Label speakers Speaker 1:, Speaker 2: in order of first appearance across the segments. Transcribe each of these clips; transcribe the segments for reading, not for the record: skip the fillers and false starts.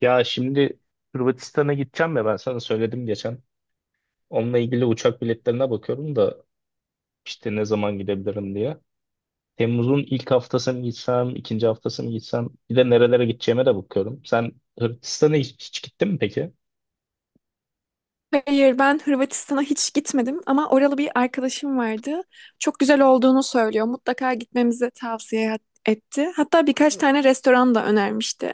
Speaker 1: Ya şimdi Hırvatistan'a gideceğim ya ben sana söyledim geçen. Onunla ilgili uçak biletlerine bakıyorum da işte ne zaman gidebilirim diye. Temmuz'un ilk haftası mı gitsem, ikinci haftası mı gitsem bir de nerelere gideceğime de bakıyorum. Sen Hırvatistan'a hiç gittin mi peki?
Speaker 2: Hayır, ben Hırvatistan'a hiç gitmedim ama oralı bir arkadaşım vardı. Çok güzel olduğunu söylüyor. Mutlaka gitmemizi tavsiye etti. Hatta birkaç tane restoran da önermişti.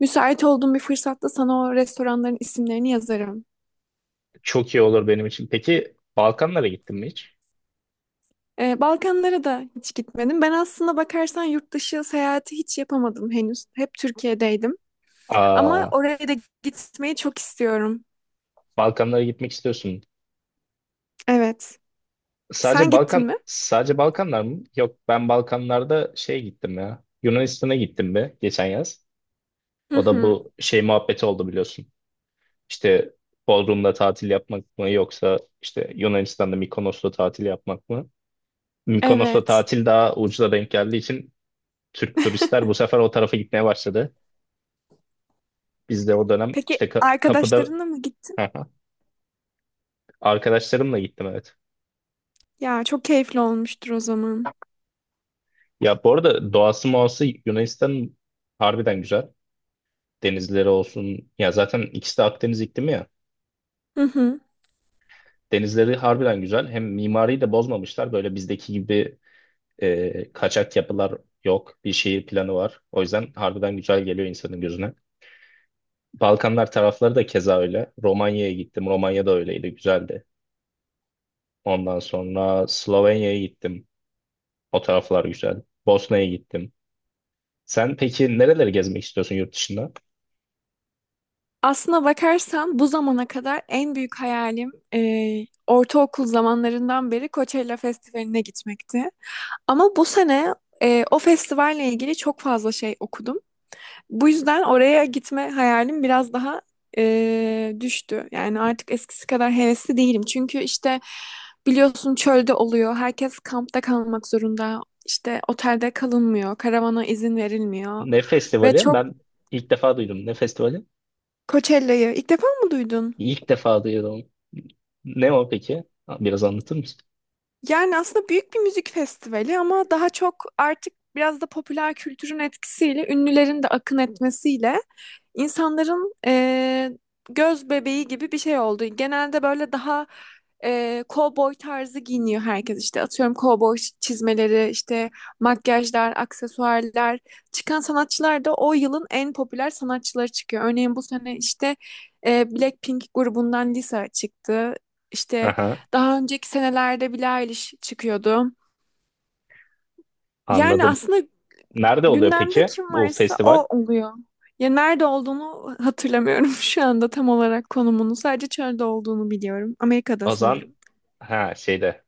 Speaker 2: Müsait olduğum bir fırsatta sana o restoranların isimlerini yazarım.
Speaker 1: Çok iyi olur benim için. Peki Balkanlara gittin mi hiç?
Speaker 2: Balkanlara da hiç gitmedim. Ben aslında bakarsan yurt dışı seyahati hiç yapamadım henüz. Hep Türkiye'deydim. Ama
Speaker 1: Aa,
Speaker 2: oraya da gitmeyi çok istiyorum.
Speaker 1: Balkanlara gitmek istiyorsun.
Speaker 2: Evet. Sen
Speaker 1: Sadece
Speaker 2: gittin mi?
Speaker 1: Balkan, sadece Balkanlar mı? Yok ben Balkanlarda şey gittim ya. Yunanistan'a gittim be geçen yaz.
Speaker 2: Hı
Speaker 1: O da
Speaker 2: hı.
Speaker 1: bu şey muhabbeti oldu biliyorsun. İşte Bodrum'da tatil yapmak mı yoksa işte Yunanistan'da Mikonos'ta tatil yapmak mı? Mikonos'ta
Speaker 2: Evet.
Speaker 1: tatil daha ucuza denk geldiği için Türk turistler bu sefer o tarafa gitmeye başladı. Biz de o dönem işte
Speaker 2: Peki
Speaker 1: kapıda
Speaker 2: arkadaşlarınla mı gittin?
Speaker 1: arkadaşlarımla gittim evet.
Speaker 2: Ya çok keyifli olmuştur o zaman.
Speaker 1: Ya bu arada doğası muası Yunanistan harbiden güzel. Denizleri olsun ya zaten ikisi de Akdeniz iklimi ya.
Speaker 2: Hı hı.
Speaker 1: Denizleri harbiden güzel. Hem mimariyi de bozmamışlar. Böyle bizdeki gibi kaçak yapılar yok. Bir şehir planı var. O yüzden harbiden güzel geliyor insanın gözüne. Balkanlar tarafları da keza öyle. Romanya'ya gittim. Romanya da öyleydi. Güzeldi. Ondan sonra Slovenya'ya gittim. O taraflar güzel. Bosna'ya gittim. Sen peki nereleri gezmek istiyorsun yurt dışında?
Speaker 2: Aslına bakarsan bu zamana kadar en büyük hayalim, ortaokul zamanlarından beri Coachella Festivali'ne gitmekti. Ama bu sene o festivalle ilgili çok fazla şey okudum. Bu yüzden oraya gitme hayalim biraz daha düştü. Yani artık eskisi kadar hevesli değilim. Çünkü işte biliyorsun çölde oluyor. Herkes kampta kalmak zorunda. İşte otelde kalınmıyor. Karavana izin verilmiyor.
Speaker 1: Ne
Speaker 2: Ve
Speaker 1: festivali?
Speaker 2: çok.
Speaker 1: Ben ilk defa duydum. Ne festivali?
Speaker 2: Coachella'yı ilk defa mı duydun?
Speaker 1: İlk defa duydum. Ne o peki? Biraz anlatır mısın?
Speaker 2: Yani aslında büyük bir müzik festivali ama daha çok artık biraz da popüler kültürün etkisiyle, ünlülerin de akın etmesiyle insanların göz bebeği gibi bir şey oldu. Genelde böyle daha cowboy tarzı giyiniyor herkes işte. Atıyorum cowboy çizmeleri, işte makyajlar, aksesuarlar. Çıkan sanatçılar da o yılın en popüler sanatçıları çıkıyor. Örneğin bu sene işte Blackpink grubundan Lisa çıktı. İşte,
Speaker 1: Aha,
Speaker 2: daha önceki senelerde Billie Eilish çıkıyordu. Yani
Speaker 1: anladım.
Speaker 2: aslında
Speaker 1: Nerede oluyor
Speaker 2: gündemde
Speaker 1: peki
Speaker 2: kim
Speaker 1: bu
Speaker 2: varsa
Speaker 1: festival?
Speaker 2: o oluyor. Ya nerede olduğunu hatırlamıyorum şu anda tam olarak konumunu. Sadece çölde olduğunu biliyorum. Amerika'da
Speaker 1: Azan
Speaker 2: sanırım.
Speaker 1: ha şeyde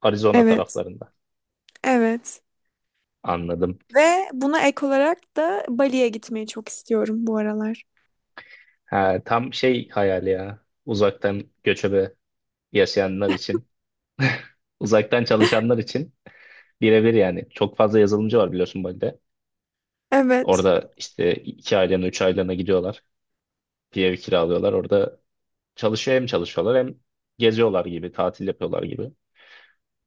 Speaker 1: Arizona
Speaker 2: Evet,
Speaker 1: taraflarında.
Speaker 2: evet.
Speaker 1: Anladım.
Speaker 2: Ve buna ek olarak da Bali'ye gitmeyi çok istiyorum bu aralar.
Speaker 1: Ha, tam şey hayali ya. Uzaktan göçebe yaşayanlar için. Uzaktan çalışanlar için birebir yani. Çok fazla yazılımcı var biliyorsun Bali'de.
Speaker 2: Evet.
Speaker 1: Orada işte 2 aylığına, 3 aylığına gidiyorlar. Bir ev kiralıyorlar. Orada hem çalışıyorlar hem geziyorlar gibi, tatil yapıyorlar gibi.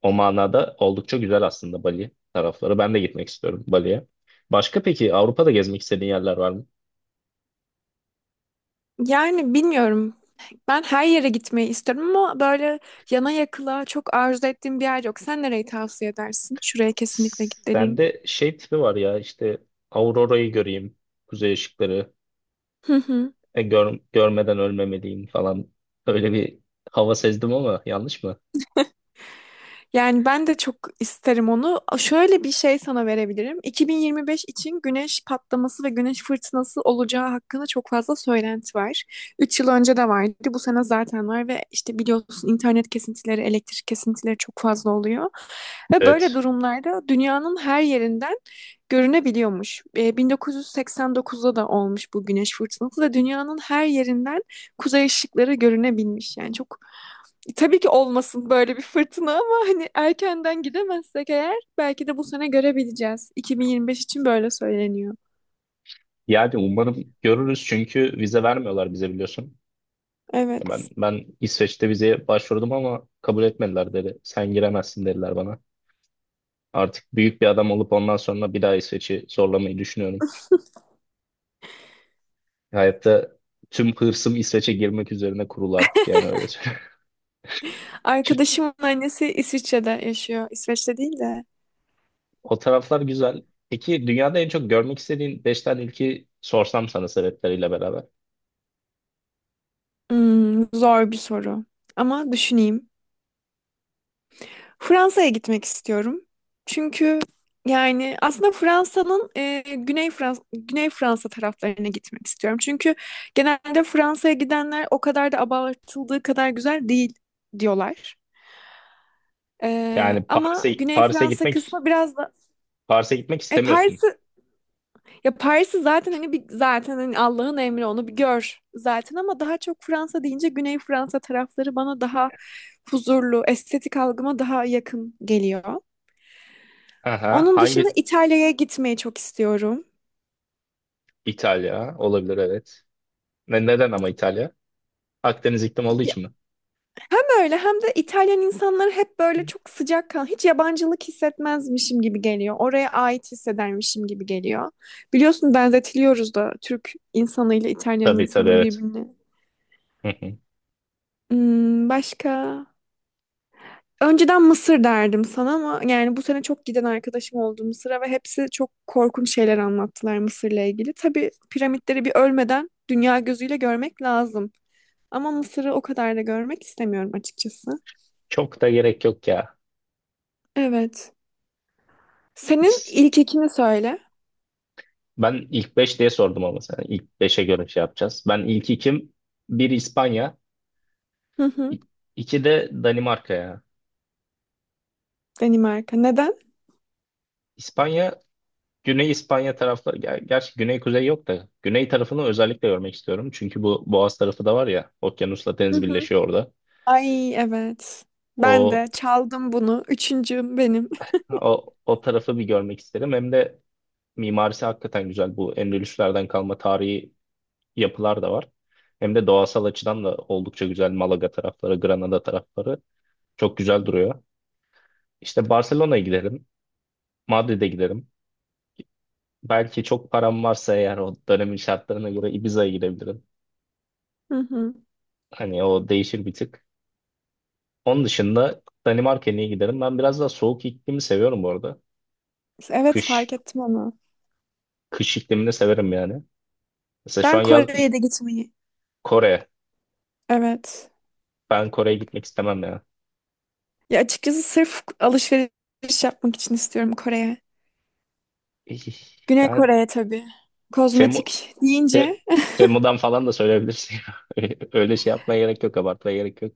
Speaker 1: O manada oldukça güzel aslında Bali tarafları. Ben de gitmek istiyorum Bali'ye. Başka peki Avrupa'da gezmek istediğin yerler var mı?
Speaker 2: Yani bilmiyorum. Ben her yere gitmeyi istiyorum ama böyle yana yakıla çok arzu ettiğim bir yer yok. Sen nereyi tavsiye edersin? Şuraya kesinlikle git dediğin.
Speaker 1: Sende şey tipi var ya işte Aurora'yı göreyim, kuzey ışıkları, görmeden ölmemeliyim falan. Öyle bir hava sezdim ama yanlış mı?
Speaker 2: Yani ben de çok isterim onu. Şöyle bir şey sana verebilirim. 2025 için güneş patlaması ve güneş fırtınası olacağı hakkında çok fazla söylenti var. 3 yıl önce de vardı. Bu sene zaten var ve işte biliyorsun internet kesintileri, elektrik kesintileri çok fazla oluyor. Ve böyle
Speaker 1: Evet.
Speaker 2: durumlarda dünyanın her yerinden görünebiliyormuş. 1989'da da olmuş bu güneş fırtınası ve dünyanın her yerinden kuzey ışıkları görünebilmiş. Yani çok. Tabii ki olmasın böyle bir fırtına ama hani erkenden gidemezsek eğer belki de bu sene görebileceğiz. 2025 için böyle söyleniyor.
Speaker 1: Yani umarım görürüz çünkü vize vermiyorlar bize biliyorsun. Ya
Speaker 2: Evet.
Speaker 1: ben İsveç'te vizeye başvurdum ama kabul etmediler dedi. Sen giremezsin dediler bana. Artık büyük bir adam olup ondan sonra bir daha İsveç'i zorlamayı düşünüyorum. Hayatta tüm hırsım İsveç'e girmek üzerine kurulu artık yani öyle söyleyeyim.
Speaker 2: Arkadaşımın annesi İsviçre'de yaşıyor. İsveç'te değil de.
Speaker 1: O taraflar güzel. Peki dünyada en çok görmek istediğin 5 tane ülkeyi sorsam sana sebepleriyle beraber.
Speaker 2: Hmm, zor bir soru. Ama düşüneyim. Fransa'ya gitmek istiyorum. Çünkü yani aslında Fransa'nın, Güney Fransa taraflarına gitmek istiyorum. Çünkü genelde Fransa'ya gidenler o kadar da abartıldığı kadar güzel değil diyorlar.
Speaker 1: Yani
Speaker 2: Ama Güney Fransa kısmı biraz da
Speaker 1: Paris'e gitmek
Speaker 2: e
Speaker 1: istemiyorsun.
Speaker 2: Paris'i ya, Paris'i zaten hani bir zaten hani Allah'ın emri, onu bir gör zaten ama daha çok Fransa deyince Güney Fransa tarafları bana daha huzurlu, estetik algıma daha yakın geliyor.
Speaker 1: Aha,
Speaker 2: Onun dışında İtalya'ya gitmeyi çok istiyorum.
Speaker 1: İtalya olabilir evet. Neden ama İtalya? Akdeniz iklim olduğu
Speaker 2: Ya,
Speaker 1: için mi?
Speaker 2: hem öyle hem de İtalyan insanları hep böyle çok sıcak kan, hiç yabancılık hissetmezmişim gibi geliyor. Oraya ait hissedermişim gibi geliyor. Biliyorsun benzetiliyoruz da Türk insanıyla İtalyan
Speaker 1: Tabii tabii
Speaker 2: insanı
Speaker 1: evet.
Speaker 2: birbirine.
Speaker 1: Hı hı.
Speaker 2: Başka? Önceden Mısır derdim sana ama yani bu sene çok giden arkadaşım oldu Mısır'a ve hepsi çok korkunç şeyler anlattılar Mısır'la ilgili. Tabii piramitleri bir ölmeden dünya gözüyle görmek lazım. Ama Mısır'ı o kadar da görmek istemiyorum açıkçası.
Speaker 1: Çok da gerek yok ya.
Speaker 2: Evet. Senin
Speaker 1: İs-
Speaker 2: ilk ikini söyle.
Speaker 1: Ben ilk 5 diye sordum ama sana. İlk beşe göre şey yapacağız. Ben ilk ikim. Bir İspanya.
Speaker 2: Hı hı.
Speaker 1: İ- iki de Danimarka ya.
Speaker 2: Danimarka. Neden?
Speaker 1: İspanya Güney İspanya tarafları, gerçi güney kuzey yok da güney tarafını özellikle görmek istiyorum. Çünkü bu Boğaz tarafı da var ya, okyanusla
Speaker 2: Hı
Speaker 1: deniz
Speaker 2: hı.
Speaker 1: birleşiyor orada.
Speaker 2: Ay, evet. Ben
Speaker 1: O
Speaker 2: de çaldım bunu. Üçüncüm benim.
Speaker 1: o tarafı bir görmek isterim. Hem de mimarisi hakikaten güzel. Bu Endülüslerden kalma tarihi yapılar da var. Hem de doğasal açıdan da oldukça güzel. Malaga tarafları, Granada tarafları çok güzel duruyor. İşte Barcelona'ya giderim, Madrid'e giderim. Belki çok param varsa eğer o dönemin şartlarına göre Ibiza'ya gidebilirim.
Speaker 2: Hı hı.
Speaker 1: Hani o değişir bir tık. Onun dışında Danimarka'ya niye giderim? Ben biraz daha soğuk iklimi seviyorum bu arada.
Speaker 2: Evet,
Speaker 1: Kış,
Speaker 2: fark ettim onu.
Speaker 1: kış iklimini severim yani. Mesela şu an
Speaker 2: Ben
Speaker 1: yaz
Speaker 2: Kore'ye de gitmeyi.
Speaker 1: Kore.
Speaker 2: Evet.
Speaker 1: Ben Kore'ye gitmek istemem ya.
Speaker 2: Ya açıkçası sırf alışveriş yapmak için istiyorum Kore'ye. Güney
Speaker 1: Yani
Speaker 2: Kore'ye tabii.
Speaker 1: Temu,
Speaker 2: Kozmetik
Speaker 1: Te-
Speaker 2: deyince
Speaker 1: Temu'dan falan da söyleyebilirsin. Öyle şey yapmaya gerek yok, abartmaya gerek yok.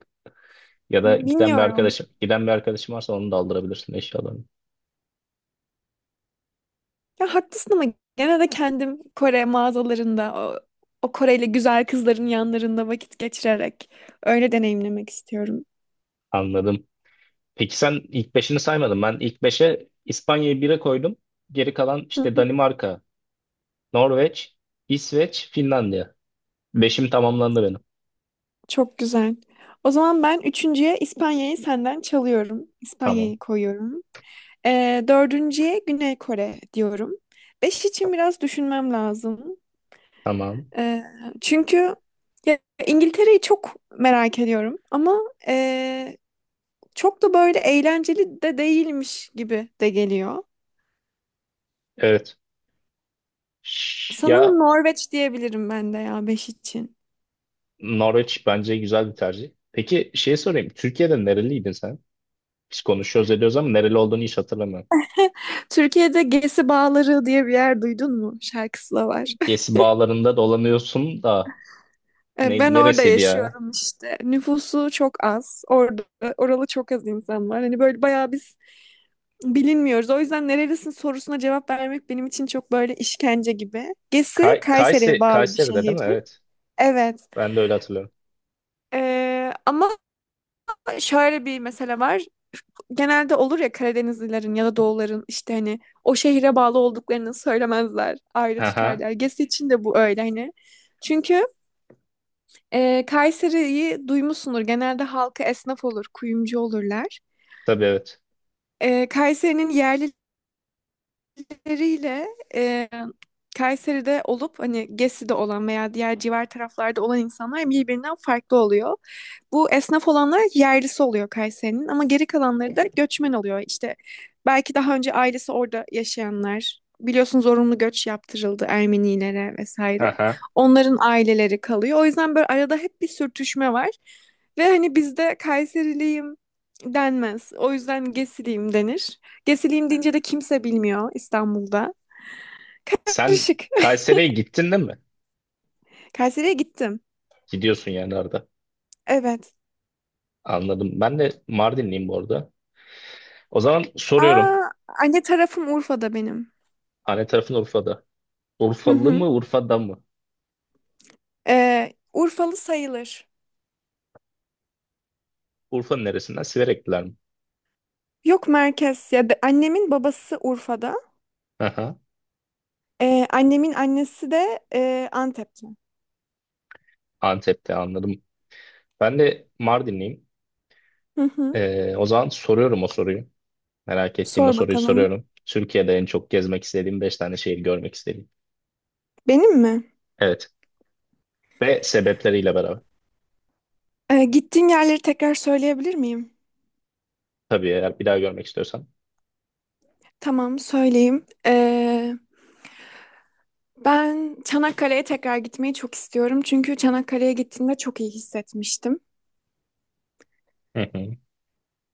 Speaker 1: Ya da giden bir
Speaker 2: bilmiyorum.
Speaker 1: arkadaşım, giden bir arkadaşım varsa onu da aldırabilirsin eşyalarını.
Speaker 2: Ya haklısın ama gene de kendim Kore mağazalarında o Koreli güzel kızların yanlarında vakit geçirerek öyle deneyimlemek istiyorum.
Speaker 1: Anladım. Peki sen ilk beşini saymadın. Ben ilk beşe İspanya'yı bire koydum. Geri kalan
Speaker 2: Hı
Speaker 1: işte
Speaker 2: hı.
Speaker 1: Danimarka, Norveç, İsveç, Finlandiya. Beşim tamamlandı benim.
Speaker 2: Çok güzel. O zaman ben üçüncüye İspanya'yı senden çalıyorum.
Speaker 1: Tamam.
Speaker 2: İspanya'yı koyuyorum. Dördüncüye Güney Kore diyorum. Beş için biraz düşünmem lazım.
Speaker 1: Tamam.
Speaker 2: Ee, çünkü ya, İngiltere'yi çok merak ediyorum ama, e, çok da böyle eğlenceli de değilmiş gibi de geliyor.
Speaker 1: Evet.
Speaker 2: Sanırım
Speaker 1: Ya
Speaker 2: Norveç diyebilirim ben de, ya, beş için.
Speaker 1: Norveç bence güzel bir tercih. Peki şey sorayım. Türkiye'de nereliydin sen? Biz konuşuyoruz ediyoruz ama nereli olduğunu hiç hatırlamıyorum.
Speaker 2: Türkiye'de Gezi Bağları diye bir yer duydun mu? Şarkısı da var.
Speaker 1: Gezi bağlarında dolanıyorsun da ne,
Speaker 2: Ben orada
Speaker 1: neresiydi ya?
Speaker 2: yaşıyorum işte. Nüfusu çok az. Orada oralı çok az insan var. Hani böyle bayağı bir, bilinmiyoruz. O yüzden nerelisin sorusuna cevap vermek benim için çok böyle işkence gibi. Gesi
Speaker 1: Kay,
Speaker 2: Kayseri'ye
Speaker 1: Kayse,
Speaker 2: bağlı bir
Speaker 1: Kayseri'de değil
Speaker 2: şehir.
Speaker 1: mi? Evet.
Speaker 2: Evet.
Speaker 1: Ben de öyle hatırlıyorum.
Speaker 2: Ama şöyle bir mesele var. Genelde olur ya Karadenizlilerin ya da Doğuların işte hani o şehre bağlı olduklarını söylemezler. Ayrı
Speaker 1: Aha.
Speaker 2: tutarlar. Gesi için de bu öyle hani. Çünkü, Kayseri'yi duymuşsundur. Genelde halkı esnaf olur, kuyumcu olurlar.
Speaker 1: Tabii evet.
Speaker 2: Kayseri'nin yerli, Kayseri'yle, e, Kayseri'de olup hani Gesi'de olan veya diğer civar taraflarda olan insanlar birbirinden farklı oluyor. Bu esnaf olanlar yerlisi oluyor Kayseri'nin ama geri kalanları da göçmen oluyor. İşte belki daha önce ailesi orada yaşayanlar, biliyorsun, zorunlu göç yaptırıldı Ermenilere vesaire.
Speaker 1: Aha.
Speaker 2: Onların aileleri kalıyor. O yüzden böyle arada hep bir sürtüşme var. Ve hani bizde Kayseriliyim denmez. O yüzden Gesiliyim denir. Gesileyim deyince de kimse bilmiyor İstanbul'da.
Speaker 1: Sen
Speaker 2: Karışık.
Speaker 1: Kayseri'ye gittin değil mi?
Speaker 2: Kayseri'ye gittim.
Speaker 1: Gidiyorsun yani arada.
Speaker 2: Evet.
Speaker 1: Anladım. Ben de Mardinliyim bu arada. O zaman soruyorum.
Speaker 2: Aa, anne tarafım Urfa'da benim.
Speaker 1: Anne tarafın Urfa'da.
Speaker 2: Hı
Speaker 1: Urfalı
Speaker 2: hı.
Speaker 1: mı, Urfa'da mı?
Speaker 2: Urfalı sayılır.
Speaker 1: Urfa'nın neresinden? Siverekliler mi?
Speaker 2: Yok, merkez ya. Annemin babası Urfa'da.
Speaker 1: Aha,
Speaker 2: Annemin annesi de, Antep'te.
Speaker 1: Antep'te anladım. Ben de Mardinliyim.
Speaker 2: Hı hı.
Speaker 1: O zaman soruyorum o soruyu. Merak ettiğim o
Speaker 2: Sor
Speaker 1: soruyu
Speaker 2: bakalım.
Speaker 1: soruyorum. Türkiye'de en çok gezmek istediğim 5 tane şehir görmek istediğim.
Speaker 2: Benim mi?
Speaker 1: Evet. Ve sebepleriyle beraber.
Speaker 2: Gittiğin yerleri tekrar söyleyebilir miyim?
Speaker 1: Tabii eğer bir daha görmek istiyorsan.
Speaker 2: Tamam, söyleyeyim. Ben Çanakkale'ye tekrar gitmeyi çok istiyorum. Çünkü Çanakkale'ye gittiğimde çok iyi hissetmiştim.
Speaker 1: Hı hı.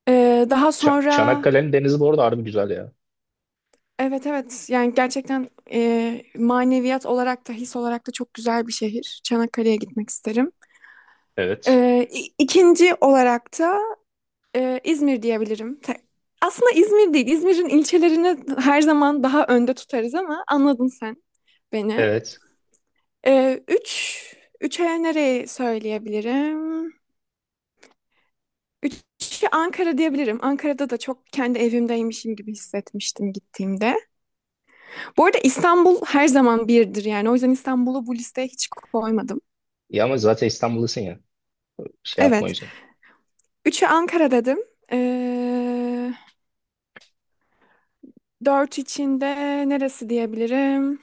Speaker 2: Daha
Speaker 1: Ça-
Speaker 2: sonra,
Speaker 1: Çanakkale'nin denizi bu arada harbi güzel ya.
Speaker 2: evet, evet, yani gerçekten, maneviyat olarak da his olarak da çok güzel bir şehir. Çanakkale'ye gitmek isterim.
Speaker 1: Evet.
Speaker 2: İkinci olarak da, İzmir diyebilirim. Aslında İzmir değil. İzmir'in ilçelerini her zaman daha önde tutarız ama anladın sen beni.
Speaker 1: Evet.
Speaker 2: Ee, üç, üçe nereyi söyleyebilirim? Üçü Ankara diyebilirim. Ankara'da da çok kendi evimdeymişim gibi hissetmiştim gittiğimde. Bu arada İstanbul her zaman birdir yani. O yüzden İstanbul'u bu listeye hiç koymadım.
Speaker 1: Ya ama zaten İstanbul'dasın ya. Şey yapma o
Speaker 2: Evet.
Speaker 1: yüzden.
Speaker 2: Üçü Ankara dedim. Ee, dört içinde neresi diyebilirim?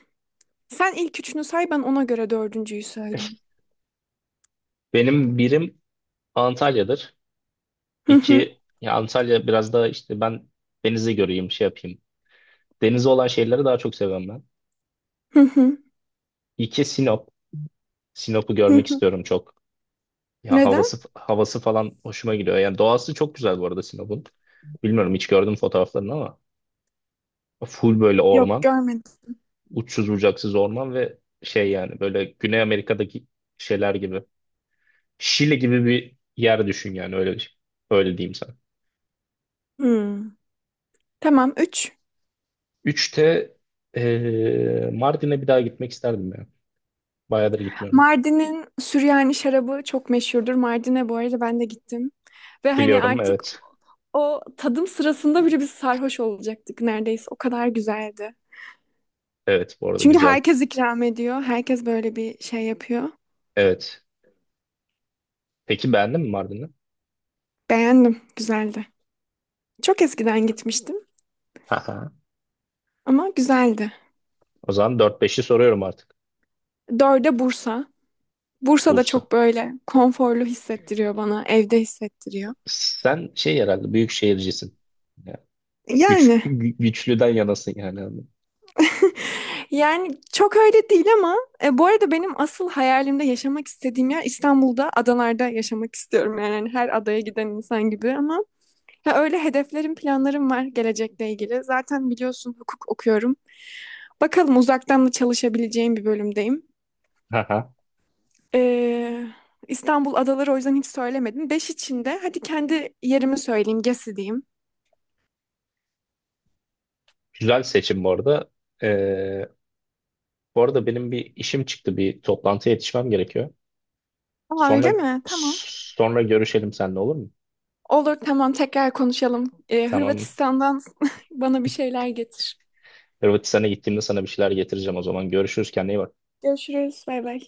Speaker 2: Sen ilk üçünü say, ben ona göre dördüncüyü söyleyeyim.
Speaker 1: Benim birim Antalya'dır.
Speaker 2: Hı hı,
Speaker 1: İki, ya Antalya biraz daha işte ben denizi göreyim, şey yapayım. Denizi olan şeyleri daha çok seviyorum ben.
Speaker 2: hı hı,
Speaker 1: İki, Sinop. Sinop'u
Speaker 2: hı
Speaker 1: görmek
Speaker 2: hı.
Speaker 1: istiyorum çok. Ya
Speaker 2: Neden?
Speaker 1: havası havası falan hoşuma gidiyor. Yani doğası çok güzel bu arada Sinop'un. Bilmiyorum hiç gördüm fotoğraflarını ama full böyle
Speaker 2: Yok,
Speaker 1: orman,
Speaker 2: görmedim.
Speaker 1: uçsuz bucaksız orman ve şey yani böyle Güney Amerika'daki şeyler gibi. Şili gibi bir yer düşün yani öyle öyle diyeyim sana.
Speaker 2: Hmm. Tamam, üç.
Speaker 1: Üçte Mardin'e bir daha gitmek isterdim ya. Bayağıdır gitmiyorum.
Speaker 2: Mardin'in Süryani şarabı çok meşhurdur. Mardin'e bu arada ben de gittim. Ve hani
Speaker 1: Biliyorum
Speaker 2: artık
Speaker 1: evet.
Speaker 2: o tadım sırasında bile biz sarhoş olacaktık neredeyse. O kadar güzeldi.
Speaker 1: Evet bu arada
Speaker 2: Çünkü
Speaker 1: güzel.
Speaker 2: herkes ikram ediyor. Herkes böyle bir şey yapıyor.
Speaker 1: Evet. Peki beğendin mi Mardin'i?
Speaker 2: Beğendim. Güzeldi. Çok eskiden gitmiştim
Speaker 1: Haha.
Speaker 2: ama güzeldi.
Speaker 1: O zaman dört 5i soruyorum artık.
Speaker 2: Dörde Bursa. Bursa da
Speaker 1: Bursa.
Speaker 2: çok böyle konforlu hissettiriyor bana. Evde hissettiriyor.
Speaker 1: Sen şey herhalde büyük şehircisin. Ya, Güç,
Speaker 2: Yani
Speaker 1: gü- güçlüden yanasın yani.
Speaker 2: yani çok öyle değil ama, bu arada benim asıl hayalimde yaşamak istediğim yer, İstanbul'da adalarda yaşamak istiyorum. Yani hani her adaya giden insan gibi ama. Ya, öyle hedeflerim, planlarım var gelecekle ilgili. Zaten biliyorsun hukuk okuyorum. Bakalım, uzaktan da çalışabileceğim bir bölümdeyim.
Speaker 1: Haha.
Speaker 2: Ee, İstanbul adaları o yüzden hiç söylemedim. Beş içinde. Hadi kendi yerimi söyleyeyim, Gezi diyeyim.
Speaker 1: Güzel seçim bu arada. Ee, bu arada benim bir işim çıktı. Bir toplantıya yetişmem gerekiyor.
Speaker 2: Aa, öyle
Speaker 1: Sonra
Speaker 2: mi? Tamam.
Speaker 1: sonra görüşelim seninle olur mu?
Speaker 2: Olur, tamam, tekrar konuşalım.
Speaker 1: Tamam.
Speaker 2: Hırvatistan'dan bana bir şeyler getir.
Speaker 1: Hırvatistan'a gittiğimde sana bir şeyler getireceğim o zaman. Görüşürüz kendine iyi bak.
Speaker 2: Görüşürüz. Bay bay.